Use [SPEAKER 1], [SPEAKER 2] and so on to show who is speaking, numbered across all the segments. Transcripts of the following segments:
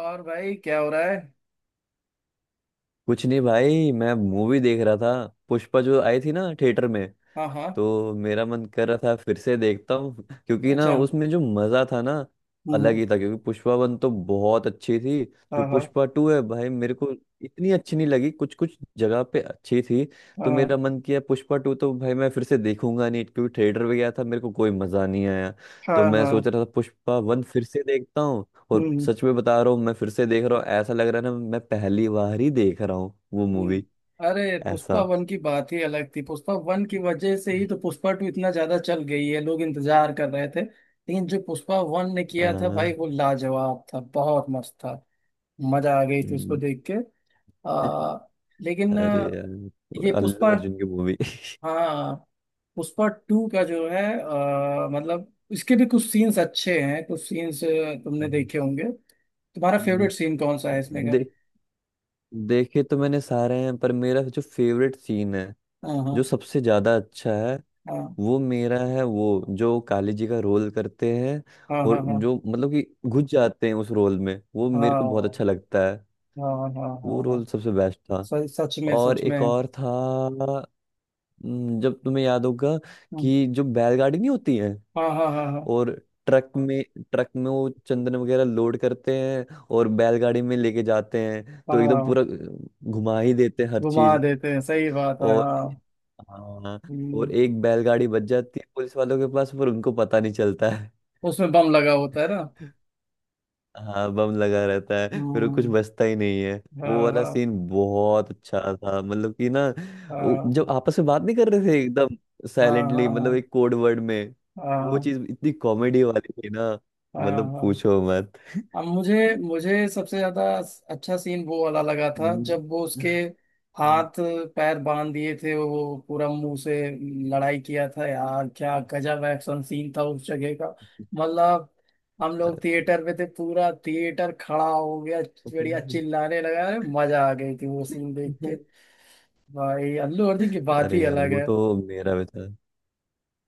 [SPEAKER 1] और भाई क्या हो रहा है?
[SPEAKER 2] कुछ नहीं भाई मैं मूवी देख रहा था। पुष्पा जो आई थी ना थिएटर में,
[SPEAKER 1] हाँ हाँ।
[SPEAKER 2] तो मेरा मन कर रहा था फिर से देखता हूँ क्योंकि ना
[SPEAKER 1] अच्छा। हम्म।
[SPEAKER 2] उसमें जो मजा था ना अलग
[SPEAKER 1] हम्म।
[SPEAKER 2] ही था। क्योंकि पुष्पा 1 तो बहुत अच्छी थी। जो
[SPEAKER 1] हाँ हाँ
[SPEAKER 2] पुष्पा 2 है भाई मेरे को इतनी अच्छी नहीं लगी। कुछ कुछ जगह पे अच्छी थी। तो
[SPEAKER 1] हाँ
[SPEAKER 2] मेरा मन किया पुष्पा 2 तो भाई मैं फिर से देखूंगा नहीं, क्योंकि थिएटर में गया था मेरे को कोई मजा नहीं आया। तो
[SPEAKER 1] हाँ
[SPEAKER 2] मैं
[SPEAKER 1] हाँ।
[SPEAKER 2] सोच रहा था पुष्पा 1 फिर से देखता हूँ।
[SPEAKER 1] हम्म।
[SPEAKER 2] और
[SPEAKER 1] हम्म।
[SPEAKER 2] सच में बता रहा हूँ मैं फिर से देख रहा हूँ, ऐसा लग रहा है ना मैं पहली बार ही देख रहा हूँ वो
[SPEAKER 1] हम्म।
[SPEAKER 2] मूवी।
[SPEAKER 1] अरे पुष्पा
[SPEAKER 2] ऐसा।
[SPEAKER 1] वन की बात ही अलग थी, पुष्पा वन की वजह से ही तो पुष्पा टू इतना ज्यादा चल गई है। लोग इंतजार कर रहे थे, लेकिन जो पुष्पा वन ने किया था
[SPEAKER 2] हाँ।
[SPEAKER 1] भाई वो लाजवाब था, बहुत मस्त था। मजा आ गई थी उसको देख के। आ, लेकिन
[SPEAKER 2] अरे यार
[SPEAKER 1] ये
[SPEAKER 2] अल्लू
[SPEAKER 1] पुष्पा।
[SPEAKER 2] अर्जुन की मूवी।
[SPEAKER 1] हाँ। पुष्पा टू का जो है मतलब इसके भी कुछ सीन्स अच्छे हैं, कुछ सीन्स तुमने देखे होंगे। तुम्हारा
[SPEAKER 2] हम्म।
[SPEAKER 1] फेवरेट सीन कौन सा है इसमें का?
[SPEAKER 2] देख देखे तो मैंने सारे हैं, पर मेरा जो फेवरेट सीन है,
[SPEAKER 1] हाँ
[SPEAKER 2] जो
[SPEAKER 1] हाँ
[SPEAKER 2] सबसे ज्यादा अच्छा है वो मेरा है। वो जो काली जी का रोल करते हैं
[SPEAKER 1] हाँ
[SPEAKER 2] और
[SPEAKER 1] हाँ हाँ
[SPEAKER 2] जो मतलब कि घुस जाते हैं उस रोल में, वो
[SPEAKER 1] हाँ
[SPEAKER 2] मेरे को बहुत
[SPEAKER 1] हाँ
[SPEAKER 2] अच्छा लगता है।
[SPEAKER 1] हाँ हाँ हाँ
[SPEAKER 2] वो
[SPEAKER 1] हाँ
[SPEAKER 2] रोल
[SPEAKER 1] हाँ।
[SPEAKER 2] सबसे बेस्ट था।
[SPEAKER 1] सच सच में
[SPEAKER 2] और
[SPEAKER 1] सच में।
[SPEAKER 2] एक और था। जब तुम्हें याद होगा
[SPEAKER 1] हम्म।
[SPEAKER 2] कि जो बैलगाड़ी नहीं होती है,
[SPEAKER 1] हाँ हाँ हाँ हाँ
[SPEAKER 2] और ट्रक में वो चंदन वगैरह लोड करते हैं और बैलगाड़ी में लेके जाते हैं, तो एकदम
[SPEAKER 1] हाँ।
[SPEAKER 2] पूरा घुमा ही देते हैं हर
[SPEAKER 1] घुमा
[SPEAKER 2] चीज।
[SPEAKER 1] देते हैं, सही बात है,
[SPEAKER 2] और
[SPEAKER 1] हाँ।
[SPEAKER 2] हाँ।
[SPEAKER 1] हम्म।
[SPEAKER 2] और एक बैलगाड़ी बच जाती है पुलिस वालों के पास, पर उनको पता नहीं चलता है।
[SPEAKER 1] उसमें बम लगा होता है ना?
[SPEAKER 2] हाँ, बम लगा रहता है फिर कुछ
[SPEAKER 1] हम्म।
[SPEAKER 2] बचता ही नहीं है। वो
[SPEAKER 1] हाँ
[SPEAKER 2] वाला
[SPEAKER 1] हाँ
[SPEAKER 2] सीन बहुत अच्छा था, मतलब कि ना वो जब
[SPEAKER 1] हाँ
[SPEAKER 2] आपस में बात नहीं कर रहे थे एकदम
[SPEAKER 1] हाँ
[SPEAKER 2] साइलेंटली,
[SPEAKER 1] हाँ
[SPEAKER 2] मतलब
[SPEAKER 1] हाँ
[SPEAKER 2] एक कोड वर्ड में। वो चीज इतनी कॉमेडी वाली थी ना,
[SPEAKER 1] हाँ
[SPEAKER 2] मतलब
[SPEAKER 1] हाँ हाँ।
[SPEAKER 2] पूछो मत।
[SPEAKER 1] अब मुझे मुझे सबसे ज्यादा अच्छा सीन वो वाला लगा था
[SPEAKER 2] हम्म।
[SPEAKER 1] जब वो उसके हाथ पैर बांध दिए थे, वो पूरा मुंह से लड़ाई किया था। यार क्या गजब एक्शन सीन था उस जगह का। मतलब हम लोग थिएटर में थे, पूरा थिएटर खड़ा हो गया, बढ़िया चिल्लाने लगा। अरे मजा आ गई थी वो सीन देख के। भाई अल्लू अर्जुन की बात ही
[SPEAKER 2] अरे यार
[SPEAKER 1] अलग
[SPEAKER 2] वो
[SPEAKER 1] है।
[SPEAKER 2] तो मेरा भी था।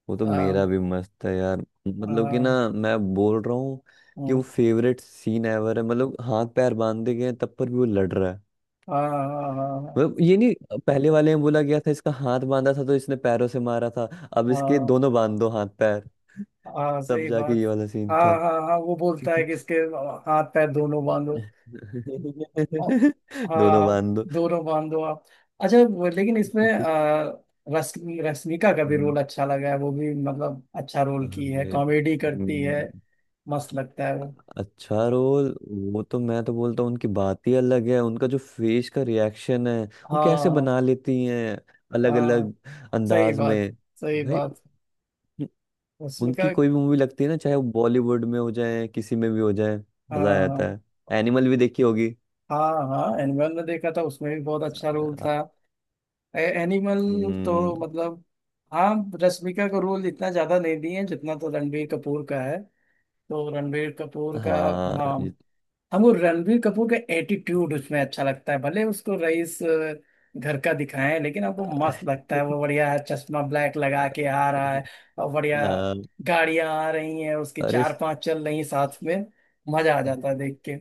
[SPEAKER 2] वो तो
[SPEAKER 1] हाँ
[SPEAKER 2] मेरा भी मस्त है यार। मतलब कि
[SPEAKER 1] हाँ
[SPEAKER 2] ना मैं बोल रहा हूँ कि वो
[SPEAKER 1] हाँ
[SPEAKER 2] फेवरेट सीन एवर है। मतलब हाथ पैर बांधे गए हैं, तब पर भी वो लड़ रहा है।
[SPEAKER 1] हाँ हाँ हाँ
[SPEAKER 2] मतलब ये नहीं, पहले वाले में बोला गया था इसका हाथ बांधा था तो इसने पैरों से मारा था। अब इसके
[SPEAKER 1] हाँ
[SPEAKER 2] दोनों बांध दो, हाथ पैर।
[SPEAKER 1] हाँ,
[SPEAKER 2] तब
[SPEAKER 1] सही
[SPEAKER 2] जाके
[SPEAKER 1] बात।
[SPEAKER 2] ये वाला सीन
[SPEAKER 1] हाँ
[SPEAKER 2] था।
[SPEAKER 1] हाँ हाँ वो बोलता है कि इसके हाथ पैर दोनों बांधो। और-
[SPEAKER 2] दोनों
[SPEAKER 1] हाँ।
[SPEAKER 2] बांध दो।
[SPEAKER 1] दोनों बांधो आप। अच्छा लेकिन इसमें
[SPEAKER 2] हम्म,
[SPEAKER 1] रस रश्मिका का भी रोल अच्छा लगा है। वो भी मतलब अच्छा रोल की है,
[SPEAKER 2] अरे
[SPEAKER 1] कॉमेडी करती है, मस्त लगता है वो।
[SPEAKER 2] अच्छा रोल। वो तो मैं तो बोलता हूँ उनकी बात ही अलग है। उनका जो फेस का रिएक्शन है, वो कैसे
[SPEAKER 1] हाँ
[SPEAKER 2] बना लेती हैं अलग
[SPEAKER 1] हाँ,
[SPEAKER 2] अलग
[SPEAKER 1] सही
[SPEAKER 2] अंदाज
[SPEAKER 1] बात,
[SPEAKER 2] में।
[SPEAKER 1] सही
[SPEAKER 2] भाई
[SPEAKER 1] बात।
[SPEAKER 2] उन- उनकी
[SPEAKER 1] रश्मिका।
[SPEAKER 2] कोई भी मूवी लगती है ना, चाहे वो बॉलीवुड में हो जाए किसी में भी हो जाए, मजा आ
[SPEAKER 1] हाँ
[SPEAKER 2] जाता है। एनिमल भी देखी होगी।
[SPEAKER 1] हाँ हाँ। एनिमल में देखा था, उसमें भी बहुत अच्छा रोल
[SPEAKER 2] अ,
[SPEAKER 1] था। एनिमल
[SPEAKER 2] हम्म,
[SPEAKER 1] तो मतलब हाँ, रश्मिका को रोल इतना ज्यादा नहीं दिए हैं जितना तो रणबीर कपूर का है। तो रणबीर कपूर का। हाँ।
[SPEAKER 2] हाँ
[SPEAKER 1] हमको रणबीर कपूर का एटीट्यूड उसमें अच्छा लगता है, भले उसको रईस घर का दिखाएं, लेकिन हमको मस्त लगता है वो। बढ़िया है, चश्मा ब्लैक लगा के आ रहा है, और बढ़िया
[SPEAKER 2] हाँ।
[SPEAKER 1] गाड़ियां आ रही हैं उसकी,
[SPEAKER 2] अरे
[SPEAKER 1] चार पांच चल रही हैं साथ में। मजा आ जाता है देख के।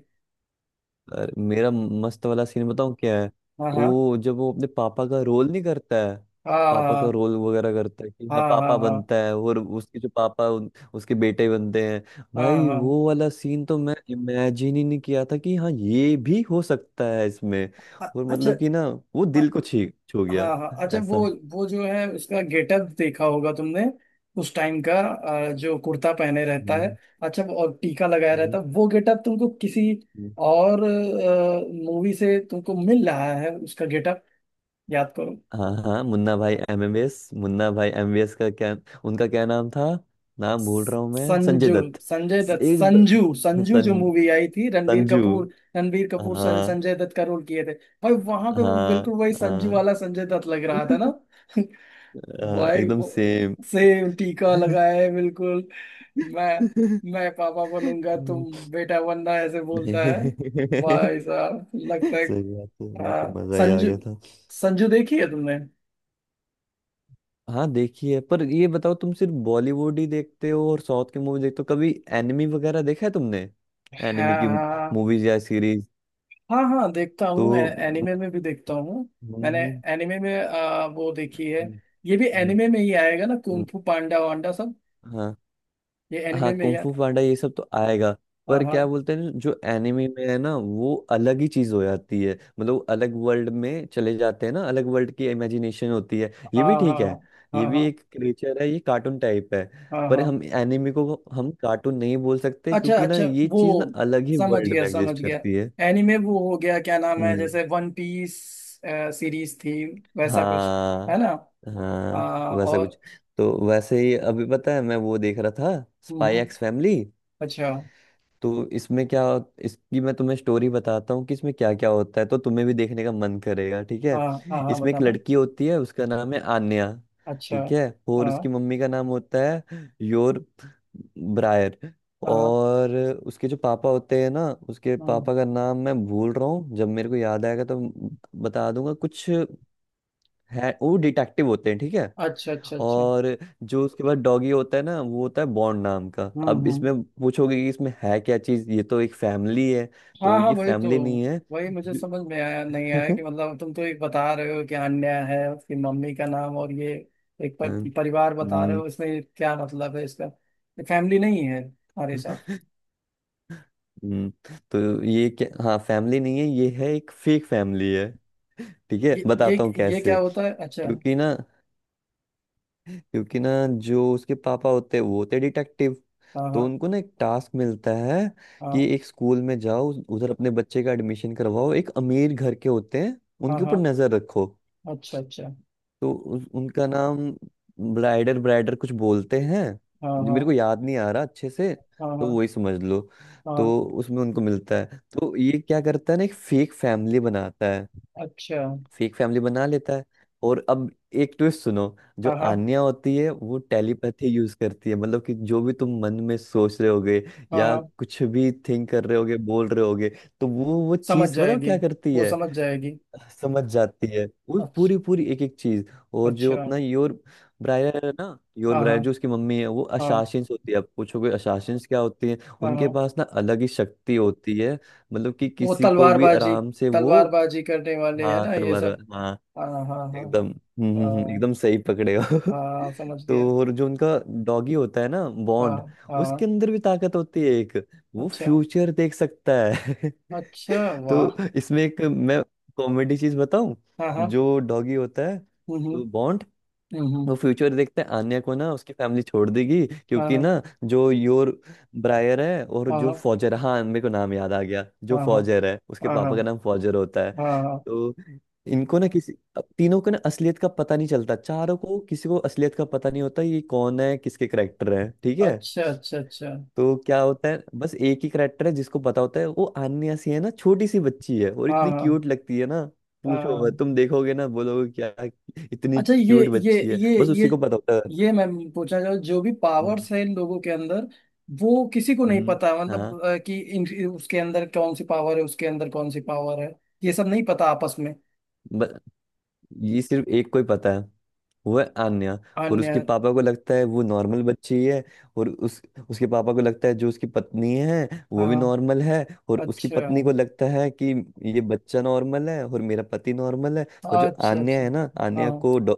[SPEAKER 2] अरे मेरा मस्त वाला सीन बताऊं क्या है।
[SPEAKER 1] हाँ हाँ
[SPEAKER 2] वो जब वो अपने पापा का रोल नहीं करता है, पापा का
[SPEAKER 1] हाँ
[SPEAKER 2] रोल वगैरह करता है, कि हाँ
[SPEAKER 1] हाँ हाँ
[SPEAKER 2] पापा
[SPEAKER 1] हाँ
[SPEAKER 2] बनता है और उसके जो पापा उसके बेटे बनते हैं।
[SPEAKER 1] हाँ हाँ
[SPEAKER 2] भाई
[SPEAKER 1] हाँ।
[SPEAKER 2] वो वाला सीन तो मैं इमेजिन ही नहीं किया था कि हाँ ये भी हो सकता है इसमें। और
[SPEAKER 1] अच्छा।
[SPEAKER 2] मतलब कि ना वो दिल को छी छू
[SPEAKER 1] हाँ
[SPEAKER 2] गया।
[SPEAKER 1] हाँ। अच्छा
[SPEAKER 2] ऐसा।
[SPEAKER 1] वो जो है उसका गेटअप देखा होगा तुमने, उस टाइम का, जो कुर्ता पहने रहता है,
[SPEAKER 2] हम्म
[SPEAKER 1] अच्छा वो, और टीका लगाया रहता
[SPEAKER 2] हम्म।
[SPEAKER 1] है, वो गेटअप तुमको किसी और मूवी से तुमको मिल रहा है उसका गेटअप? याद करो।
[SPEAKER 2] हाँ हाँ मुन्ना भाई एमबीबीएस। मुन्ना भाई एमबीबीएस का क्या उनका क्या नाम था। नाम भूल रहा हूँ मैं, संजय
[SPEAKER 1] संजू।
[SPEAKER 2] दत्त।
[SPEAKER 1] संजय
[SPEAKER 2] स-
[SPEAKER 1] दत्त।
[SPEAKER 2] एक द-
[SPEAKER 1] संजू। संजू जो
[SPEAKER 2] सं,
[SPEAKER 1] मूवी आई थी, रणबीर
[SPEAKER 2] संजू।
[SPEAKER 1] कपूर। रणबीर कपूर
[SPEAKER 2] हाँ
[SPEAKER 1] संजय दत्त का रोल किए थे। भाई वहां पे वो
[SPEAKER 2] हाँ
[SPEAKER 1] बिल्कुल वही संजू
[SPEAKER 2] हाँ
[SPEAKER 1] वाला संजय दत्त लग रहा था ना।
[SPEAKER 2] हाँ,
[SPEAKER 1] भाई
[SPEAKER 2] एकदम
[SPEAKER 1] वो
[SPEAKER 2] सेम।
[SPEAKER 1] सेम टीका लगाए बिल्कुल। मैं
[SPEAKER 2] सही
[SPEAKER 1] मैं पापा बनूंगा, तुम बेटा बनना, ऐसे बोलता है। भाई साहब लगता है।
[SPEAKER 2] बात है, मुझे तो
[SPEAKER 1] हाँ,
[SPEAKER 2] मजा ही आ
[SPEAKER 1] संजू।
[SPEAKER 2] गया था।
[SPEAKER 1] संजू देखी है तुमने।
[SPEAKER 2] हाँ देखिए, पर ये बताओ तुम सिर्फ बॉलीवुड ही देखते हो और साउथ की मूवी देखते हो कभी। एनिमी वगैरह देखा है तुमने। एनिमी
[SPEAKER 1] हाँ
[SPEAKER 2] की
[SPEAKER 1] हाँ
[SPEAKER 2] मूवीज या सीरीज।
[SPEAKER 1] हाँ हाँ देखता हूँ।
[SPEAKER 2] तो
[SPEAKER 1] एनिमे में भी देखता हूँ। मैंने
[SPEAKER 2] हम्म,
[SPEAKER 1] एनिमे में वो देखी है।
[SPEAKER 2] हम्म,
[SPEAKER 1] ये भी
[SPEAKER 2] हम्म,
[SPEAKER 1] एनिमे में ही आएगा ना,
[SPEAKER 2] हम्म,
[SPEAKER 1] कुंग फू पांडा वांडा सब?
[SPEAKER 2] हाँ
[SPEAKER 1] ये
[SPEAKER 2] हाँ
[SPEAKER 1] एनिमे में ही
[SPEAKER 2] कुंग फू
[SPEAKER 1] आता।
[SPEAKER 2] पांडा ये सब तो आएगा।
[SPEAKER 1] हाँ
[SPEAKER 2] पर
[SPEAKER 1] हाँ
[SPEAKER 2] क्या बोलते हैं जो एनिमे में है ना वो अलग ही चीज हो जाती है। मतलब वो अलग वर्ल्ड में चले जाते हैं ना, अलग वर्ल्ड की इमेजिनेशन होती है, ये
[SPEAKER 1] हाँ
[SPEAKER 2] भी
[SPEAKER 1] हाँ
[SPEAKER 2] ठीक है। ये
[SPEAKER 1] हाँ
[SPEAKER 2] भी
[SPEAKER 1] हाँ
[SPEAKER 2] एक क्रिएचर है, ये कार्टून टाइप है।
[SPEAKER 1] हाँ
[SPEAKER 2] पर
[SPEAKER 1] हाँ।
[SPEAKER 2] हम एनिमे को हम कार्टून नहीं बोल सकते,
[SPEAKER 1] अच्छा
[SPEAKER 2] क्योंकि ना
[SPEAKER 1] अच्छा।
[SPEAKER 2] ये चीज ना
[SPEAKER 1] वो
[SPEAKER 2] अलग ही
[SPEAKER 1] समझ
[SPEAKER 2] वर्ल्ड
[SPEAKER 1] गया
[SPEAKER 2] में
[SPEAKER 1] समझ
[SPEAKER 2] एग्जिस्ट
[SPEAKER 1] गया।
[SPEAKER 2] करती है।
[SPEAKER 1] एनीमे वो हो गया, क्या नाम है,
[SPEAKER 2] हम्म।
[SPEAKER 1] जैसे वन पीस सीरीज थी वैसा कुछ है
[SPEAKER 2] हाँ
[SPEAKER 1] ना? आ,
[SPEAKER 2] हाँ वैसा कुछ।
[SPEAKER 1] और।
[SPEAKER 2] तो वैसे ही अभी पता है मैं वो देख रहा था,
[SPEAKER 1] हम्म।
[SPEAKER 2] स्पाई
[SPEAKER 1] हम्म।
[SPEAKER 2] X family.
[SPEAKER 1] अच्छा।
[SPEAKER 2] तो इसमें क्या, इसकी मैं तुम्हें स्टोरी बताता हूँ कि इसमें क्या क्या होता है तो तुम्हें भी देखने का मन करेगा। ठीक
[SPEAKER 1] हाँ
[SPEAKER 2] है,
[SPEAKER 1] हाँ हाँ,
[SPEAKER 2] इसमें एक
[SPEAKER 1] बताना।
[SPEAKER 2] लड़की होती है उसका नाम है आन्या।
[SPEAKER 1] अच्छा।
[SPEAKER 2] ठीक है, और
[SPEAKER 1] हाँ
[SPEAKER 2] उसकी मम्मी का नाम होता है योर ब्रायर।
[SPEAKER 1] हाँ।
[SPEAKER 2] और उसके जो पापा होते हैं ना, उसके
[SPEAKER 1] हम्म।
[SPEAKER 2] पापा का नाम मैं भूल रहा हूँ, जब मेरे को याद आएगा तो बता दूंगा। कुछ है, वो डिटेक्टिव होते हैं, ठीक है।
[SPEAKER 1] अच्छा अच्छा अच्छा।
[SPEAKER 2] और जो उसके बाद डॉगी होता है ना, वो होता है बॉन्ड नाम का। अब
[SPEAKER 1] हम्म।
[SPEAKER 2] इसमें पूछोगे कि इसमें है क्या चीज, ये तो एक फैमिली है, तो
[SPEAKER 1] हाँ हाँ,
[SPEAKER 2] ये
[SPEAKER 1] वही तो।
[SPEAKER 2] फैमिली नहीं है।
[SPEAKER 1] वही मुझे समझ में आया नहीं आया कि मतलब, तुम तो एक बता रहे हो कि अन्य है उसकी मम्मी का नाम, और ये एक
[SPEAKER 2] हाँ,
[SPEAKER 1] परिवार बता रहे
[SPEAKER 2] हम्म,
[SPEAKER 1] हो, इसमें क्या मतलब है इसका? ये फैमिली नहीं है हमारे साथ?
[SPEAKER 2] हम्म, तो ये क्या, हाँ फैमिली नहीं है, ये है एक फेक फैमिली है। ठीक है,
[SPEAKER 1] ये
[SPEAKER 2] बताता हूँ
[SPEAKER 1] ये
[SPEAKER 2] कैसे।
[SPEAKER 1] क्या होता है, अच्छा?
[SPEAKER 2] क्योंकि ना क्योंकि ना जो उसके पापा होते हैं वो होते डिटेक्टिव।
[SPEAKER 1] हाँ
[SPEAKER 2] तो
[SPEAKER 1] हाँ
[SPEAKER 2] उनको ना एक टास्क मिलता है कि
[SPEAKER 1] हाँ
[SPEAKER 2] एक स्कूल में जाओ, उधर अपने बच्चे का एडमिशन करवाओ, एक अमीर घर के होते हैं,
[SPEAKER 1] हाँ
[SPEAKER 2] उनके
[SPEAKER 1] हाँ।
[SPEAKER 2] ऊपर नजर रखो।
[SPEAKER 1] अच्छा अच्छा।
[SPEAKER 2] तो उनका नाम ब्राइडर ब्राइडर कुछ बोलते हैं,
[SPEAKER 1] हाँ
[SPEAKER 2] जो
[SPEAKER 1] हाँ
[SPEAKER 2] मेरे को याद नहीं आ रहा अच्छे से।
[SPEAKER 1] हाँ
[SPEAKER 2] तो
[SPEAKER 1] हाँ
[SPEAKER 2] वही समझ लो। तो
[SPEAKER 1] हाँ।
[SPEAKER 2] उसमें उनको मिलता है, तो ये क्या करता है ना, एक फेक फैमिली बनाता है।
[SPEAKER 1] अच्छा।
[SPEAKER 2] फेक फैमिली बना लेता है। और अब एक ट्विस्ट सुनो, जो
[SPEAKER 1] हाँ हाँ
[SPEAKER 2] आन्या होती है वो टेलीपैथी यूज करती है। मतलब कि जो भी तुम मन में सोच रहे होगे
[SPEAKER 1] हाँ
[SPEAKER 2] या
[SPEAKER 1] हाँ।
[SPEAKER 2] कुछ भी थिंक कर रहे होगे, बोल रहे होगे, तो वो
[SPEAKER 1] समझ
[SPEAKER 2] चीज बताओ
[SPEAKER 1] जाएगी।
[SPEAKER 2] क्या करती
[SPEAKER 1] वो
[SPEAKER 2] है।
[SPEAKER 1] समझ जाएगी।
[SPEAKER 2] समझ जाती है वो
[SPEAKER 1] अच्छा।
[SPEAKER 2] पूरी पूरी एक एक चीज। और जो
[SPEAKER 1] अच्छा।
[SPEAKER 2] अपना योर ब्रायर है ना, योर
[SPEAKER 1] हाँ
[SPEAKER 2] ब्रायर
[SPEAKER 1] हाँ
[SPEAKER 2] जो उसकी मम्मी है, वो
[SPEAKER 1] हाँ
[SPEAKER 2] अशासिंस होती है। आप पूछोगे अशासिंस क्या होती है,
[SPEAKER 1] हाँ
[SPEAKER 2] उनके
[SPEAKER 1] हाँ।
[SPEAKER 2] पास ना अलग ही शक्ति होती है। मतलब कि
[SPEAKER 1] वो
[SPEAKER 2] किसी को भी
[SPEAKER 1] तलवारबाजी,
[SPEAKER 2] आराम से वो।
[SPEAKER 1] तलवारबाजी करने वाले है
[SPEAKER 2] हाँ
[SPEAKER 1] ना ये
[SPEAKER 2] तलवार।
[SPEAKER 1] सब?
[SPEAKER 2] हाँ।
[SPEAKER 1] हाँ हाँ हाँ
[SPEAKER 2] एकदम
[SPEAKER 1] हाँ
[SPEAKER 2] एकदम सही पकड़े हो।
[SPEAKER 1] हाँ, हाँ, समझ गया।
[SPEAKER 2] तो और जो उनका डॉगी होता है ना
[SPEAKER 1] हाँ
[SPEAKER 2] बॉन्ड,
[SPEAKER 1] हाँ।
[SPEAKER 2] उसके अंदर भी ताकत होती है एक, वो
[SPEAKER 1] अच्छा।
[SPEAKER 2] फ्यूचर देख सकता है।
[SPEAKER 1] अच्छा। वाह।
[SPEAKER 2] तो इसमें एक मैं कॉमेडी चीज बताऊं।
[SPEAKER 1] हाँ हाँ।
[SPEAKER 2] जो डॉगी होता है
[SPEAKER 1] हम्म।
[SPEAKER 2] तो बॉन्ड,
[SPEAKER 1] हम्म। हम्म।
[SPEAKER 2] वो
[SPEAKER 1] हम्म।
[SPEAKER 2] फ्यूचर देखते हैं आन्या को ना उसकी फैमिली छोड़ देगी,
[SPEAKER 1] हाँ
[SPEAKER 2] क्योंकि
[SPEAKER 1] हाँ
[SPEAKER 2] ना जो योर ब्रायर है और जो फॉजर, हाँ मेरे को नाम याद आ गया, जो
[SPEAKER 1] हाँ हाँ
[SPEAKER 2] फॉजर है, उसके
[SPEAKER 1] हाँ हाँ
[SPEAKER 2] पापा का नाम
[SPEAKER 1] हाँ
[SPEAKER 2] फॉजर होता है।
[SPEAKER 1] हाँ हाँ, हाँ।
[SPEAKER 2] तो इनको ना किसी, अब तीनों को ना असलियत का पता नहीं चलता, चारों को, किसी को असलियत का पता नहीं होता ये कौन है, किसके करेक्टर है, ठीक है।
[SPEAKER 1] अच्छा अच्छा अच्छा।
[SPEAKER 2] तो क्या होता है, बस एक ही करेक्टर है जिसको पता होता है, वो आन्या सी है ना, छोटी सी बच्ची है, और
[SPEAKER 1] हाँ
[SPEAKER 2] इतनी
[SPEAKER 1] हाँ
[SPEAKER 2] क्यूट लगती है ना, पूछो मत,
[SPEAKER 1] हाँ।
[SPEAKER 2] तुम देखोगे ना बोलोगे क्या इतनी
[SPEAKER 1] अच्छा ये
[SPEAKER 2] क्यूट
[SPEAKER 1] ये
[SPEAKER 2] बच्ची है,
[SPEAKER 1] ये
[SPEAKER 2] बस
[SPEAKER 1] ये
[SPEAKER 2] उसी को पता होता है।
[SPEAKER 1] ये मैं पूछना चाहूँ, जो भी
[SPEAKER 2] हम्म,
[SPEAKER 1] पावर्स है इन लोगों के अंदर, वो किसी को नहीं
[SPEAKER 2] हम्म,
[SPEAKER 1] पता?
[SPEAKER 2] हाँ।
[SPEAKER 1] मतलब कि उसके अंदर कौन सी पावर है, उसके अंदर कौन सी पावर है, ये सब नहीं पता आपस में?
[SPEAKER 2] ब- ये सिर्फ एक को ही पता है, वो है आन्या। और
[SPEAKER 1] अन्य।
[SPEAKER 2] उसके पापा को लगता है वो नॉर्मल बच्ची ही है। और उस उसके पापा को लगता है जो उसकी पत्नी है वो भी
[SPEAKER 1] हाँ।
[SPEAKER 2] नॉर्मल है, और उसकी
[SPEAKER 1] अच्छा
[SPEAKER 2] पत्नी को लगता है कि ये बच्चा नॉर्मल है और मेरा पति नॉर्मल है। पर जो
[SPEAKER 1] अच्छा
[SPEAKER 2] आन्या
[SPEAKER 1] अच्छा।
[SPEAKER 2] है ना, आन्या
[SPEAKER 1] हाँ।
[SPEAKER 2] को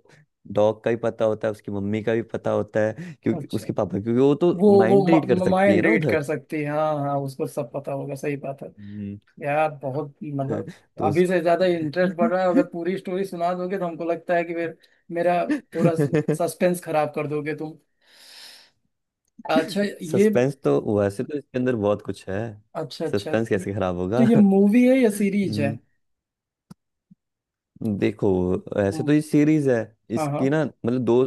[SPEAKER 2] डॉग का भी पता होता है, उसकी मम्मी का भी पता होता है, क्योंकि
[SPEAKER 1] अच्छा
[SPEAKER 2] उसके पापा, क्योंकि वो तो
[SPEAKER 1] वो
[SPEAKER 2] माइंड रीड कर सकती है
[SPEAKER 1] माइंड
[SPEAKER 2] ना
[SPEAKER 1] रीड कर
[SPEAKER 2] उधर।
[SPEAKER 1] सकती है, हाँ हाँ, उसको सब पता होगा, सही बात है।
[SPEAKER 2] हम्म,
[SPEAKER 1] यार बहुत मतलब
[SPEAKER 2] तो उस...
[SPEAKER 1] अभी से ज्यादा इंटरेस्ट बढ़ रहा है। अगर पूरी स्टोरी सुना दोगे तो हमको लगता है कि फिर मेरा थोड़ा सस्पेंस खराब कर दोगे तुम। अच्छा ये।
[SPEAKER 2] सस्पेंस तो वैसे तो इसके अंदर बहुत कुछ है,
[SPEAKER 1] अच्छा अच्छा
[SPEAKER 2] सस्पेंस कैसे खराब
[SPEAKER 1] तो
[SPEAKER 2] होगा।
[SPEAKER 1] ये मूवी है या सीरीज है?
[SPEAKER 2] हम्म, देखो ऐसे तो
[SPEAKER 1] हम्म।
[SPEAKER 2] ये सीरीज है।
[SPEAKER 1] हाँ हाँ
[SPEAKER 2] इसकी ना मतलब दो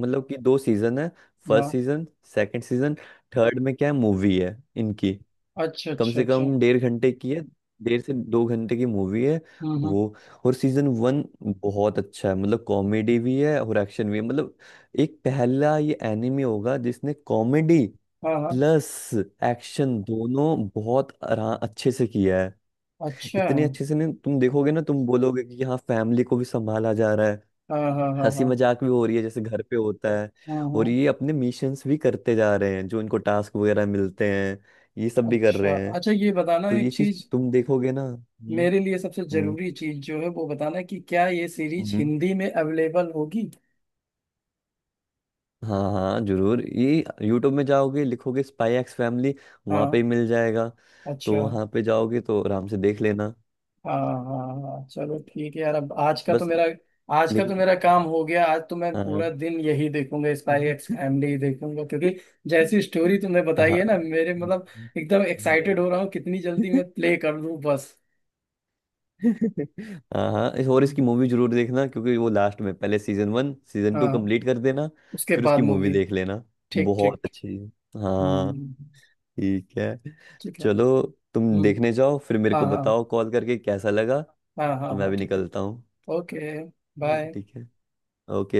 [SPEAKER 2] मतलब कि 2 सीजन है।
[SPEAKER 1] हाँ।
[SPEAKER 2] First season, second season, third में क्या है, मूवी है इनकी।
[SPEAKER 1] अच्छा
[SPEAKER 2] कम
[SPEAKER 1] अच्छा
[SPEAKER 2] से
[SPEAKER 1] अच्छा।
[SPEAKER 2] कम 1.5 घंटे की है, 1.5 से 2 घंटे की मूवी है
[SPEAKER 1] हम्म।
[SPEAKER 2] वो। और सीजन 1 बहुत अच्छा है, मतलब कॉमेडी भी है और एक्शन भी है। मतलब एक पहला ये एनिमे होगा जिसने कॉमेडी
[SPEAKER 1] हाँ हाँ।
[SPEAKER 2] प्लस एक्शन दोनों बहुत अच्छे से किया।
[SPEAKER 1] अच्छा।
[SPEAKER 2] इतने
[SPEAKER 1] हाँ
[SPEAKER 2] अच्छे से ना तुम देखोगे ना तुम बोलोगे कि हाँ फैमिली को भी संभाला जा रहा है,
[SPEAKER 1] हाँ हाँ
[SPEAKER 2] हंसी
[SPEAKER 1] हाँ
[SPEAKER 2] मजाक भी हो रही है जैसे घर पे होता है,
[SPEAKER 1] हाँ
[SPEAKER 2] और
[SPEAKER 1] हाँ।
[SPEAKER 2] ये अपने मिशंस भी करते जा रहे हैं, जो इनको टास्क वगैरह मिलते हैं, ये सब भी कर
[SPEAKER 1] अच्छा
[SPEAKER 2] रहे हैं।
[SPEAKER 1] अच्छा, ये बताना
[SPEAKER 2] तो
[SPEAKER 1] एक
[SPEAKER 2] ये चीज
[SPEAKER 1] चीज।
[SPEAKER 2] तुम देखोगे ना।
[SPEAKER 1] मेरे लिए सबसे
[SPEAKER 2] हम्म
[SPEAKER 1] जरूरी चीज जो है वो बताना कि क्या ये सीरीज
[SPEAKER 2] हम्म।
[SPEAKER 1] हिंदी में अवेलेबल होगी?
[SPEAKER 2] हाँ हाँ जरूर, ये यूट्यूब में जाओगे, लिखोगे स्पाई एक्स फैमिली, वहां पे
[SPEAKER 1] हाँ।
[SPEAKER 2] ही मिल जाएगा। तो
[SPEAKER 1] अच्छा।
[SPEAKER 2] वहां पे जाओगे तो आराम से देख लेना।
[SPEAKER 1] हाँ हाँ हाँ हाँ। चलो ठीक है यार। अब आज का तो
[SPEAKER 2] बस।
[SPEAKER 1] मेरा आज का तो
[SPEAKER 2] लेकिन
[SPEAKER 1] मेरा काम हो गया। आज तो मैं पूरा
[SPEAKER 2] हाँ।
[SPEAKER 1] दिन यही देखूंगा, स्पाई एक्स
[SPEAKER 2] हम्म।
[SPEAKER 1] फैमिली ही देखूंगा, क्योंकि जैसी स्टोरी तुमने बताई
[SPEAKER 2] हाँ।
[SPEAKER 1] है ना मेरे, मतलब
[SPEAKER 2] हम्म।
[SPEAKER 1] एकदम एक्साइटेड हो रहा हूँ कितनी जल्दी
[SPEAKER 2] हम्म।
[SPEAKER 1] मैं प्ले कर लूँ, बस।
[SPEAKER 2] हाँ हाँ इस और इसकी मूवी जरूर देखना, क्योंकि वो लास्ट में, पहले सीजन 1 सीजन 2
[SPEAKER 1] हाँ।
[SPEAKER 2] कंप्लीट कर देना,
[SPEAKER 1] उसके
[SPEAKER 2] फिर
[SPEAKER 1] बाद
[SPEAKER 2] उसकी मूवी
[SPEAKER 1] मूवी।
[SPEAKER 2] देख लेना,
[SPEAKER 1] ठीक ठीक।
[SPEAKER 2] बहुत अच्छी है। हाँ
[SPEAKER 1] हम्म।
[SPEAKER 2] ठीक है।
[SPEAKER 1] ठीक है।
[SPEAKER 2] चलो तुम
[SPEAKER 1] हम्म।
[SPEAKER 2] देखने जाओ फिर मेरे
[SPEAKER 1] हाँ
[SPEAKER 2] को
[SPEAKER 1] हाँ
[SPEAKER 2] बताओ कॉल करके कैसा लगा। तो
[SPEAKER 1] हाँ हाँ
[SPEAKER 2] मैं
[SPEAKER 1] हाँ,
[SPEAKER 2] भी
[SPEAKER 1] ठीक है।
[SPEAKER 2] निकलता हूँ।
[SPEAKER 1] ओके।
[SPEAKER 2] ठीक
[SPEAKER 1] बाय।
[SPEAKER 2] है। ओके।